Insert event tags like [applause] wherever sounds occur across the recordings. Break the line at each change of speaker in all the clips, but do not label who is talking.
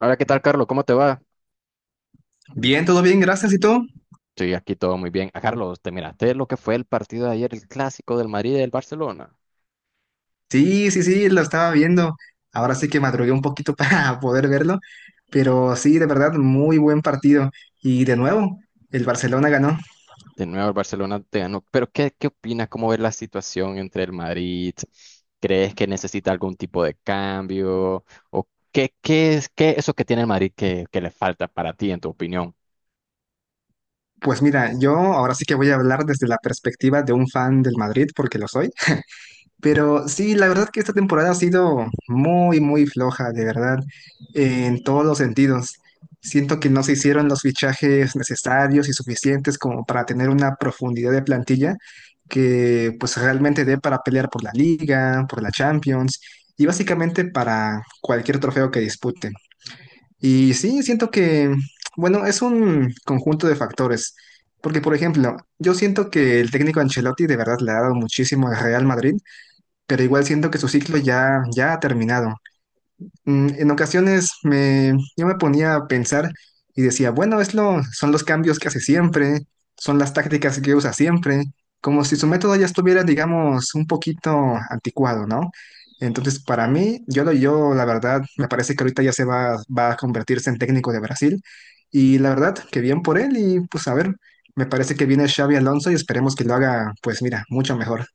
Hola, ¿qué tal, Carlos? ¿Cómo te va?
Bien, todo bien, gracias. ¿Y tú?
Sí, aquí todo muy bien. Ah, Carlos, ¿te miraste lo que fue el partido de ayer, el clásico del Madrid y del Barcelona?
Sí, sí, sí, lo estaba viendo. Ahora sí que madrugué un poquito [laughs] para poder verlo, pero sí, de verdad, muy buen partido. Y de nuevo, el Barcelona ganó.
De nuevo, el Barcelona te ganó. Pero, ¿¿qué opinas? ¿Cómo ves la situación entre el Madrid? ¿Crees que necesita algún tipo de cambio? ¿O qué, qué es eso que tiene el Madrid que le falta para ti, en tu opinión?
Pues mira, yo ahora sí que voy a hablar desde la perspectiva de un fan del Madrid, porque lo soy. Pero sí, la verdad que esta temporada ha sido muy, muy floja, de verdad, en todos los sentidos. Siento que no se hicieron los fichajes necesarios y suficientes como para tener una profundidad de plantilla que pues realmente dé para pelear por la Liga, por la Champions y básicamente para cualquier trofeo que disputen. Y sí, siento que, bueno, es un conjunto de factores. Porque, por ejemplo, yo siento que el técnico Ancelotti de verdad le ha dado muchísimo al Real Madrid pero igual siento que su ciclo ya, ya ha terminado. En ocasiones yo me ponía a pensar y decía, bueno, son los cambios que hace siempre, son las tácticas que usa siempre, como si su método ya estuviera, digamos, un poquito anticuado, ¿no? Entonces, para mí, yo la verdad, me parece que ahorita ya va a convertirse en técnico de Brasil y la verdad, que bien por él y pues a ver, me parece que viene Xavi Alonso y esperemos que lo haga, pues mira, mucho mejor.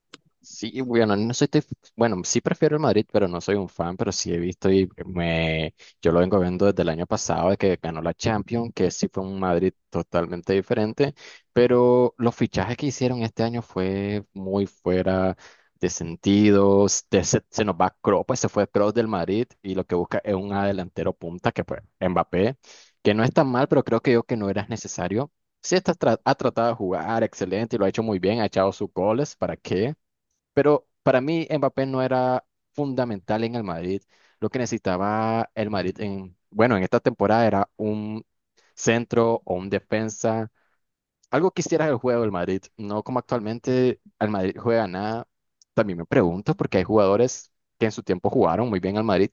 Sí, bueno, no soy, te- bueno, sí prefiero el Madrid, pero no soy un fan, pero sí he visto yo lo vengo viendo desde el año pasado, de que ganó la Champions, que sí fue un Madrid totalmente diferente, pero los fichajes que hicieron este año fue muy fuera de sentido, se nos va Kroos, pues se fue Kroos del Madrid y lo que busca es un delantero punta, que fue Mbappé, que no es tan mal, pero creo que yo que no era necesario. Sí, ha tratado de jugar excelente y lo ha hecho muy bien, ha echado sus goles, ¿para qué? Pero para mí Mbappé no era fundamental en el Madrid. Lo que necesitaba el Madrid bueno, en esta temporada era un centro o un defensa. Algo que hiciera el juego del Madrid, no como actualmente el Madrid juega nada. También me pregunto porque hay jugadores que en su tiempo jugaron muy bien al Madrid,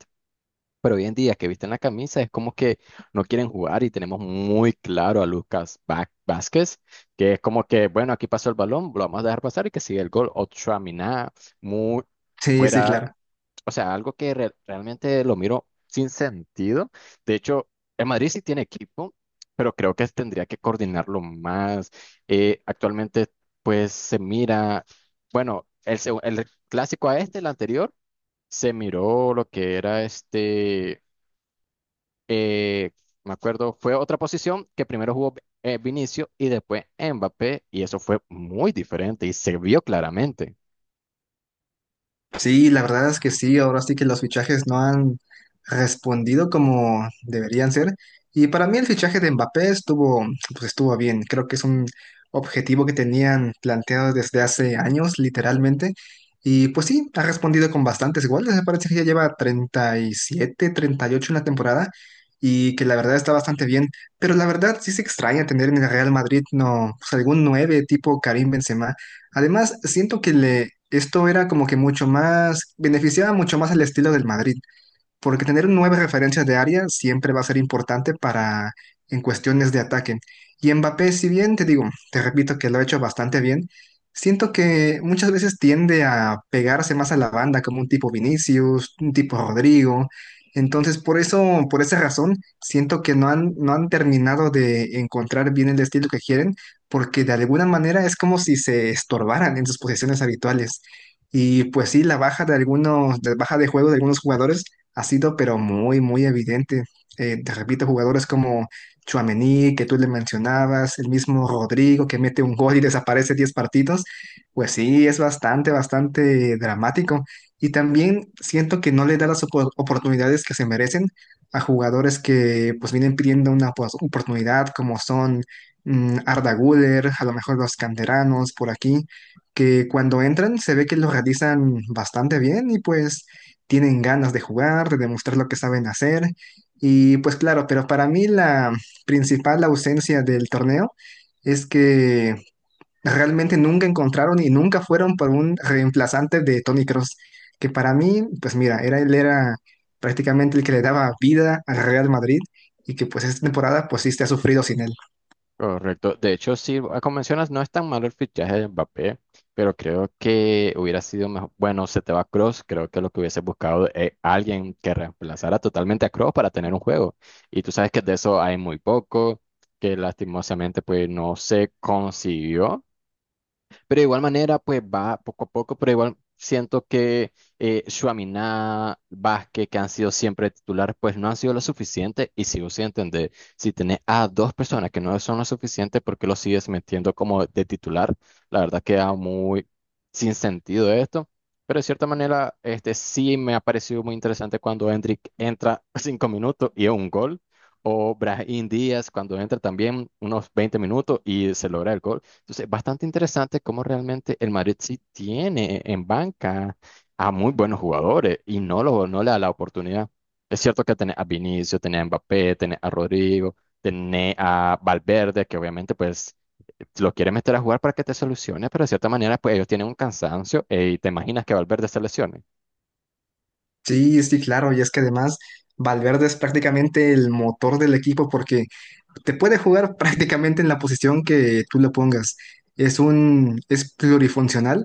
pero hoy en día que visten la camisa es como que no quieren jugar, y tenemos muy claro a Lucas Vázquez, que es como que, bueno, aquí pasó el balón, lo vamos a dejar pasar y que sigue el gol. Mina muy
Sí, sí,
fuera,
claro.
o sea, algo que realmente lo miro sin sentido. De hecho, el Madrid sí tiene equipo, pero creo que tendría que coordinarlo más. Actualmente, pues se mira, bueno, el clásico a este, el anterior, se miró lo que era eh, me acuerdo, fue otra posición que primero jugó Vinicio y después Mbappé, y eso fue muy diferente y se vio claramente.
Sí, la verdad es que sí, ahora sí que los fichajes no han respondido como deberían ser. Y para mí el fichaje de Mbappé estuvo, pues estuvo bien. Creo que es un objetivo que tenían planteado desde hace años, literalmente. Y pues sí, ha respondido con bastantes goles. Me parece que ya lleva 37, 38 en la temporada y que la verdad está bastante bien. Pero la verdad sí se extraña tener en el Real Madrid no, pues algún 9 tipo Karim Benzema. Además, siento que le, esto era como que mucho más, beneficiaba mucho más al estilo del Madrid porque tener nueve referencias de área siempre va a ser importante para en cuestiones de ataque. Y Mbappé, si bien te digo, te repito que lo ha hecho bastante bien, siento que muchas veces tiende a pegarse más a la banda como un tipo Vinicius, un tipo Rodrigo. Entonces, por eso, por esa razón, siento que no han terminado de encontrar bien el estilo que quieren, porque de alguna manera es como si se estorbaran en sus posiciones habituales. Y pues sí, la baja de algunos, la baja de juego de algunos jugadores ha sido pero muy, muy evidente. Te repito, jugadores como Tchouaméni, que tú le mencionabas, el mismo Rodrigo, que mete un gol y desaparece 10 partidos, pues sí, es bastante, bastante dramático. Y también siento que no le da las oportunidades que se merecen a jugadores que pues vienen pidiendo una pues, oportunidad, como son Arda Güler, a lo mejor los canteranos por aquí, que cuando entran se ve que lo realizan bastante bien y pues tienen ganas de jugar, de demostrar lo que saben hacer. Y pues claro, pero para mí la principal ausencia del torneo es que realmente nunca encontraron y nunca fueron por un reemplazante de Tony Cross, que para mí, pues mira, era, él era prácticamente el que le daba vida al Real Madrid y que pues esta temporada pues sí se ha sufrido sin él.
Correcto. De hecho, sí, ah, como mencionas, no es tan malo el fichaje de Mbappé, pero creo que hubiera sido mejor. Bueno, se te va Cross, creo que lo que hubiese buscado es alguien que reemplazara totalmente a Cross para tener un juego. Y tú sabes que de eso hay muy poco, que lastimosamente pues no se consiguió. Pero de igual manera, pues va poco a poco, pero igual siento que Tchouaméni, Vázquez, que han sido siempre titulares, pues no han sido lo suficiente. Y sigo sin entender, si tenés a dos personas que no son lo suficiente, ¿por qué lo sigues metiendo como de titular? La verdad queda muy sin sentido esto. Pero de cierta manera, este sí me ha parecido muy interesante cuando Hendrik entra [laughs] 5 minutos y es un gol. O Brahim Díaz cuando entra también unos 20 minutos y se logra el gol. Entonces, bastante interesante cómo realmente el Madrid sí tiene en banca a muy buenos jugadores y no no le da la oportunidad. Es cierto que tenés a Vinicius, tenés a Mbappé, tenés a Rodrigo, tenés a Valverde, que obviamente pues lo quiere meter a jugar para que te solucione, pero de cierta manera pues ellos tienen un cansancio, y te imaginas que Valverde se lesione.
Sí, sí, claro, y es que además Valverde es prácticamente el motor del equipo porque te puede jugar [laughs] prácticamente en la posición que tú le pongas. Es un, es plurifuncional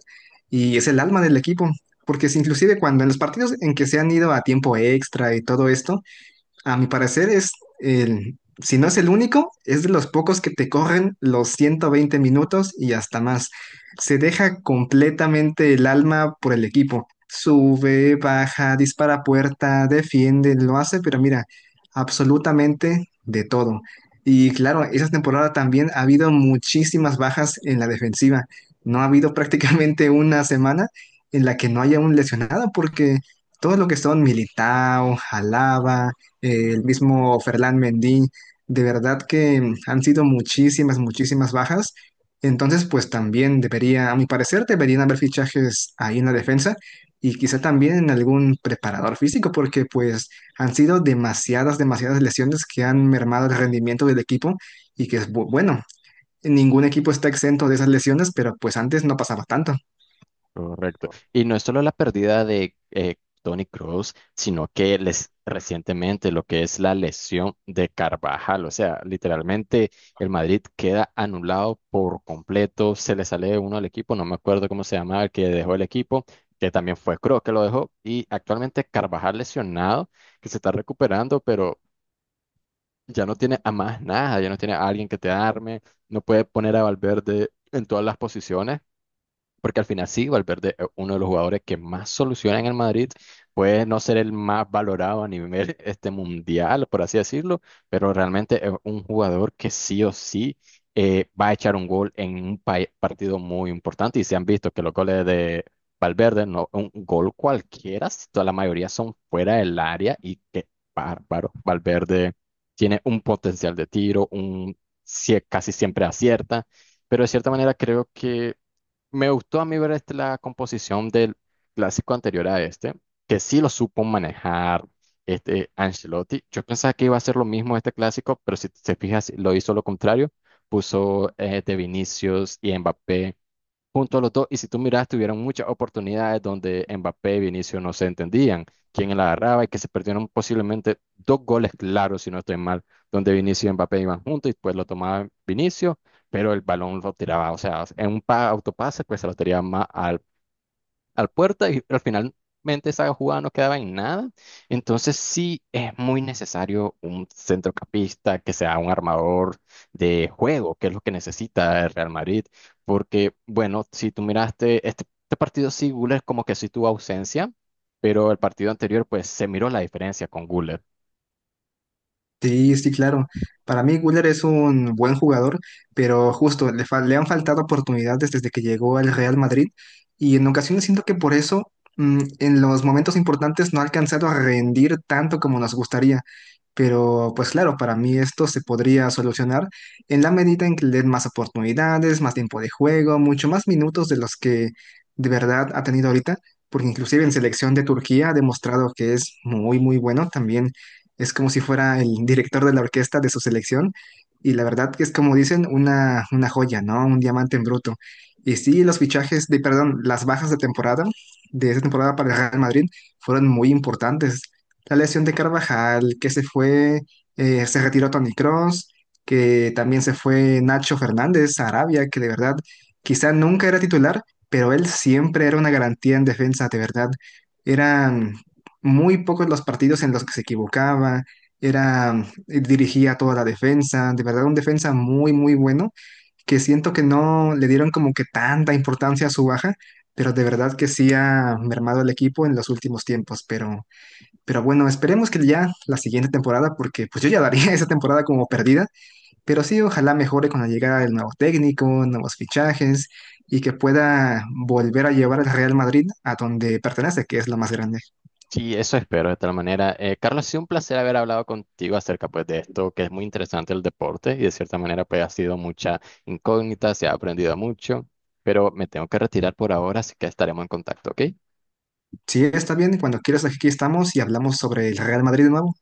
y es el alma del equipo, porque si inclusive cuando en los partidos en que se han ido a tiempo extra y todo esto, a mi parecer es el, si no es el único, es de los pocos que te corren los 120 minutos y hasta más. Se deja completamente el alma por el equipo. Sube, baja, dispara a puerta, defiende, lo hace, pero mira, absolutamente de todo. Y claro, esa temporada también ha habido muchísimas bajas en la defensiva. No ha habido [laughs] prácticamente una semana en la que no haya un lesionado, porque todo lo que son Militao, Alaba, el mismo Ferland Mendy, de verdad que han sido muchísimas, muchísimas bajas. Entonces, pues también debería, a mi parecer, deberían haber fichajes ahí en la defensa y quizá también en algún preparador físico, porque pues han sido demasiadas, demasiadas lesiones que han mermado el rendimiento del equipo y que es bueno, ningún equipo está exento de esas lesiones, pero pues antes no pasaba tanto.
Correcto. Y no es solo la pérdida de Tony Kroos, sino que les, recientemente, lo que es la lesión de Carvajal. O sea, literalmente el Madrid queda anulado por completo. Se le sale uno al equipo, no me acuerdo cómo se llamaba el que dejó el equipo, que también fue Kroos que lo dejó. Y actualmente Carvajal lesionado, que se está recuperando, pero ya no tiene a más nada, ya no tiene a alguien que te arme, no puede poner a Valverde en todas las posiciones. Porque al final sí, Valverde es uno de los jugadores que más soluciona en el Madrid, puede no ser el más valorado a nivel [laughs] este mundial, por así decirlo, pero realmente es un jugador que sí o sí va a echar un gol en un partido muy importante. Y se han visto que los goles de Valverde, no un gol cualquiera, si toda la mayoría son fuera del área y qué bárbaro. Valverde tiene un potencial de tiro, un casi siempre acierta, pero de cierta manera creo que me gustó a mí ver la composición del clásico anterior a este, que sí lo supo manejar este Ancelotti. Yo pensaba que iba a ser lo mismo este clásico, pero si te fijas, lo hizo lo contrario. Puso de Vinicius y Mbappé junto a los dos. Y si tú miras, tuvieron muchas oportunidades donde Mbappé y Vinicius no se entendían, quién la agarraba y que se perdieron posiblemente dos goles claros, si no estoy mal, donde Vinicius y Mbappé iban juntos y pues lo tomaba Vinicius, pero el balón lo tiraba, o sea, en un autopase, pues se lo tiraba más al puerta y al finalmente esa jugada no quedaba en nada. Entonces sí es muy necesario un centrocampista que sea un armador de juego, que es lo que necesita el Real Madrid. Porque, bueno, si tú miraste este partido, sí, Güler como que sí tuvo ausencia, pero el partido anterior pues se miró la diferencia con Güler.
Sí, sí, claro. Para mí, Güler es un buen jugador, pero justo le han faltado oportunidades desde que llegó al Real Madrid y en ocasiones siento que por eso en los momentos importantes no ha alcanzado a rendir tanto como nos gustaría. Pero pues claro, para mí esto se podría solucionar en la medida en que le den más oportunidades, más tiempo de juego, mucho más minutos de los que de verdad ha tenido ahorita, porque inclusive en selección de Turquía ha demostrado que es muy, muy bueno también es como si fuera el director de la orquesta de su selección y la verdad que es como dicen una joya, ¿no? Un diamante en bruto. Y sí, los fichajes de, perdón, las bajas de temporada, de esa temporada para el Real Madrid, fueron muy importantes. La lesión de Carvajal, que se fue, se retiró Toni Kroos, que también se fue Nacho Fernández a Arabia, que de verdad quizá nunca era titular, pero él siempre era una garantía en defensa, de verdad. Era muy pocos los partidos en los que se equivocaba, era, dirigía toda la defensa, de verdad un defensa muy, muy bueno, que siento que no le dieron como que tanta importancia a su baja, pero de verdad que sí ha mermado el equipo en los últimos tiempos, pero bueno, esperemos que ya la siguiente temporada, porque pues yo ya daría [laughs] esa temporada como perdida, pero sí, ojalá mejore con la llegada del nuevo técnico, nuevos fichajes y que pueda volver a llevar al Real Madrid a donde pertenece, que es lo más grande.
Sí, eso espero de tal manera. Carlos, ha sido un placer haber hablado contigo acerca pues de esto, que es muy interesante el deporte y de cierta manera pues ha sido mucha incógnita, se ha aprendido mucho, pero me tengo que retirar por ahora, así que estaremos en contacto, ¿ok?
Sí, está bien. Cuando quieras, aquí estamos y hablamos sobre el Real Madrid de nuevo.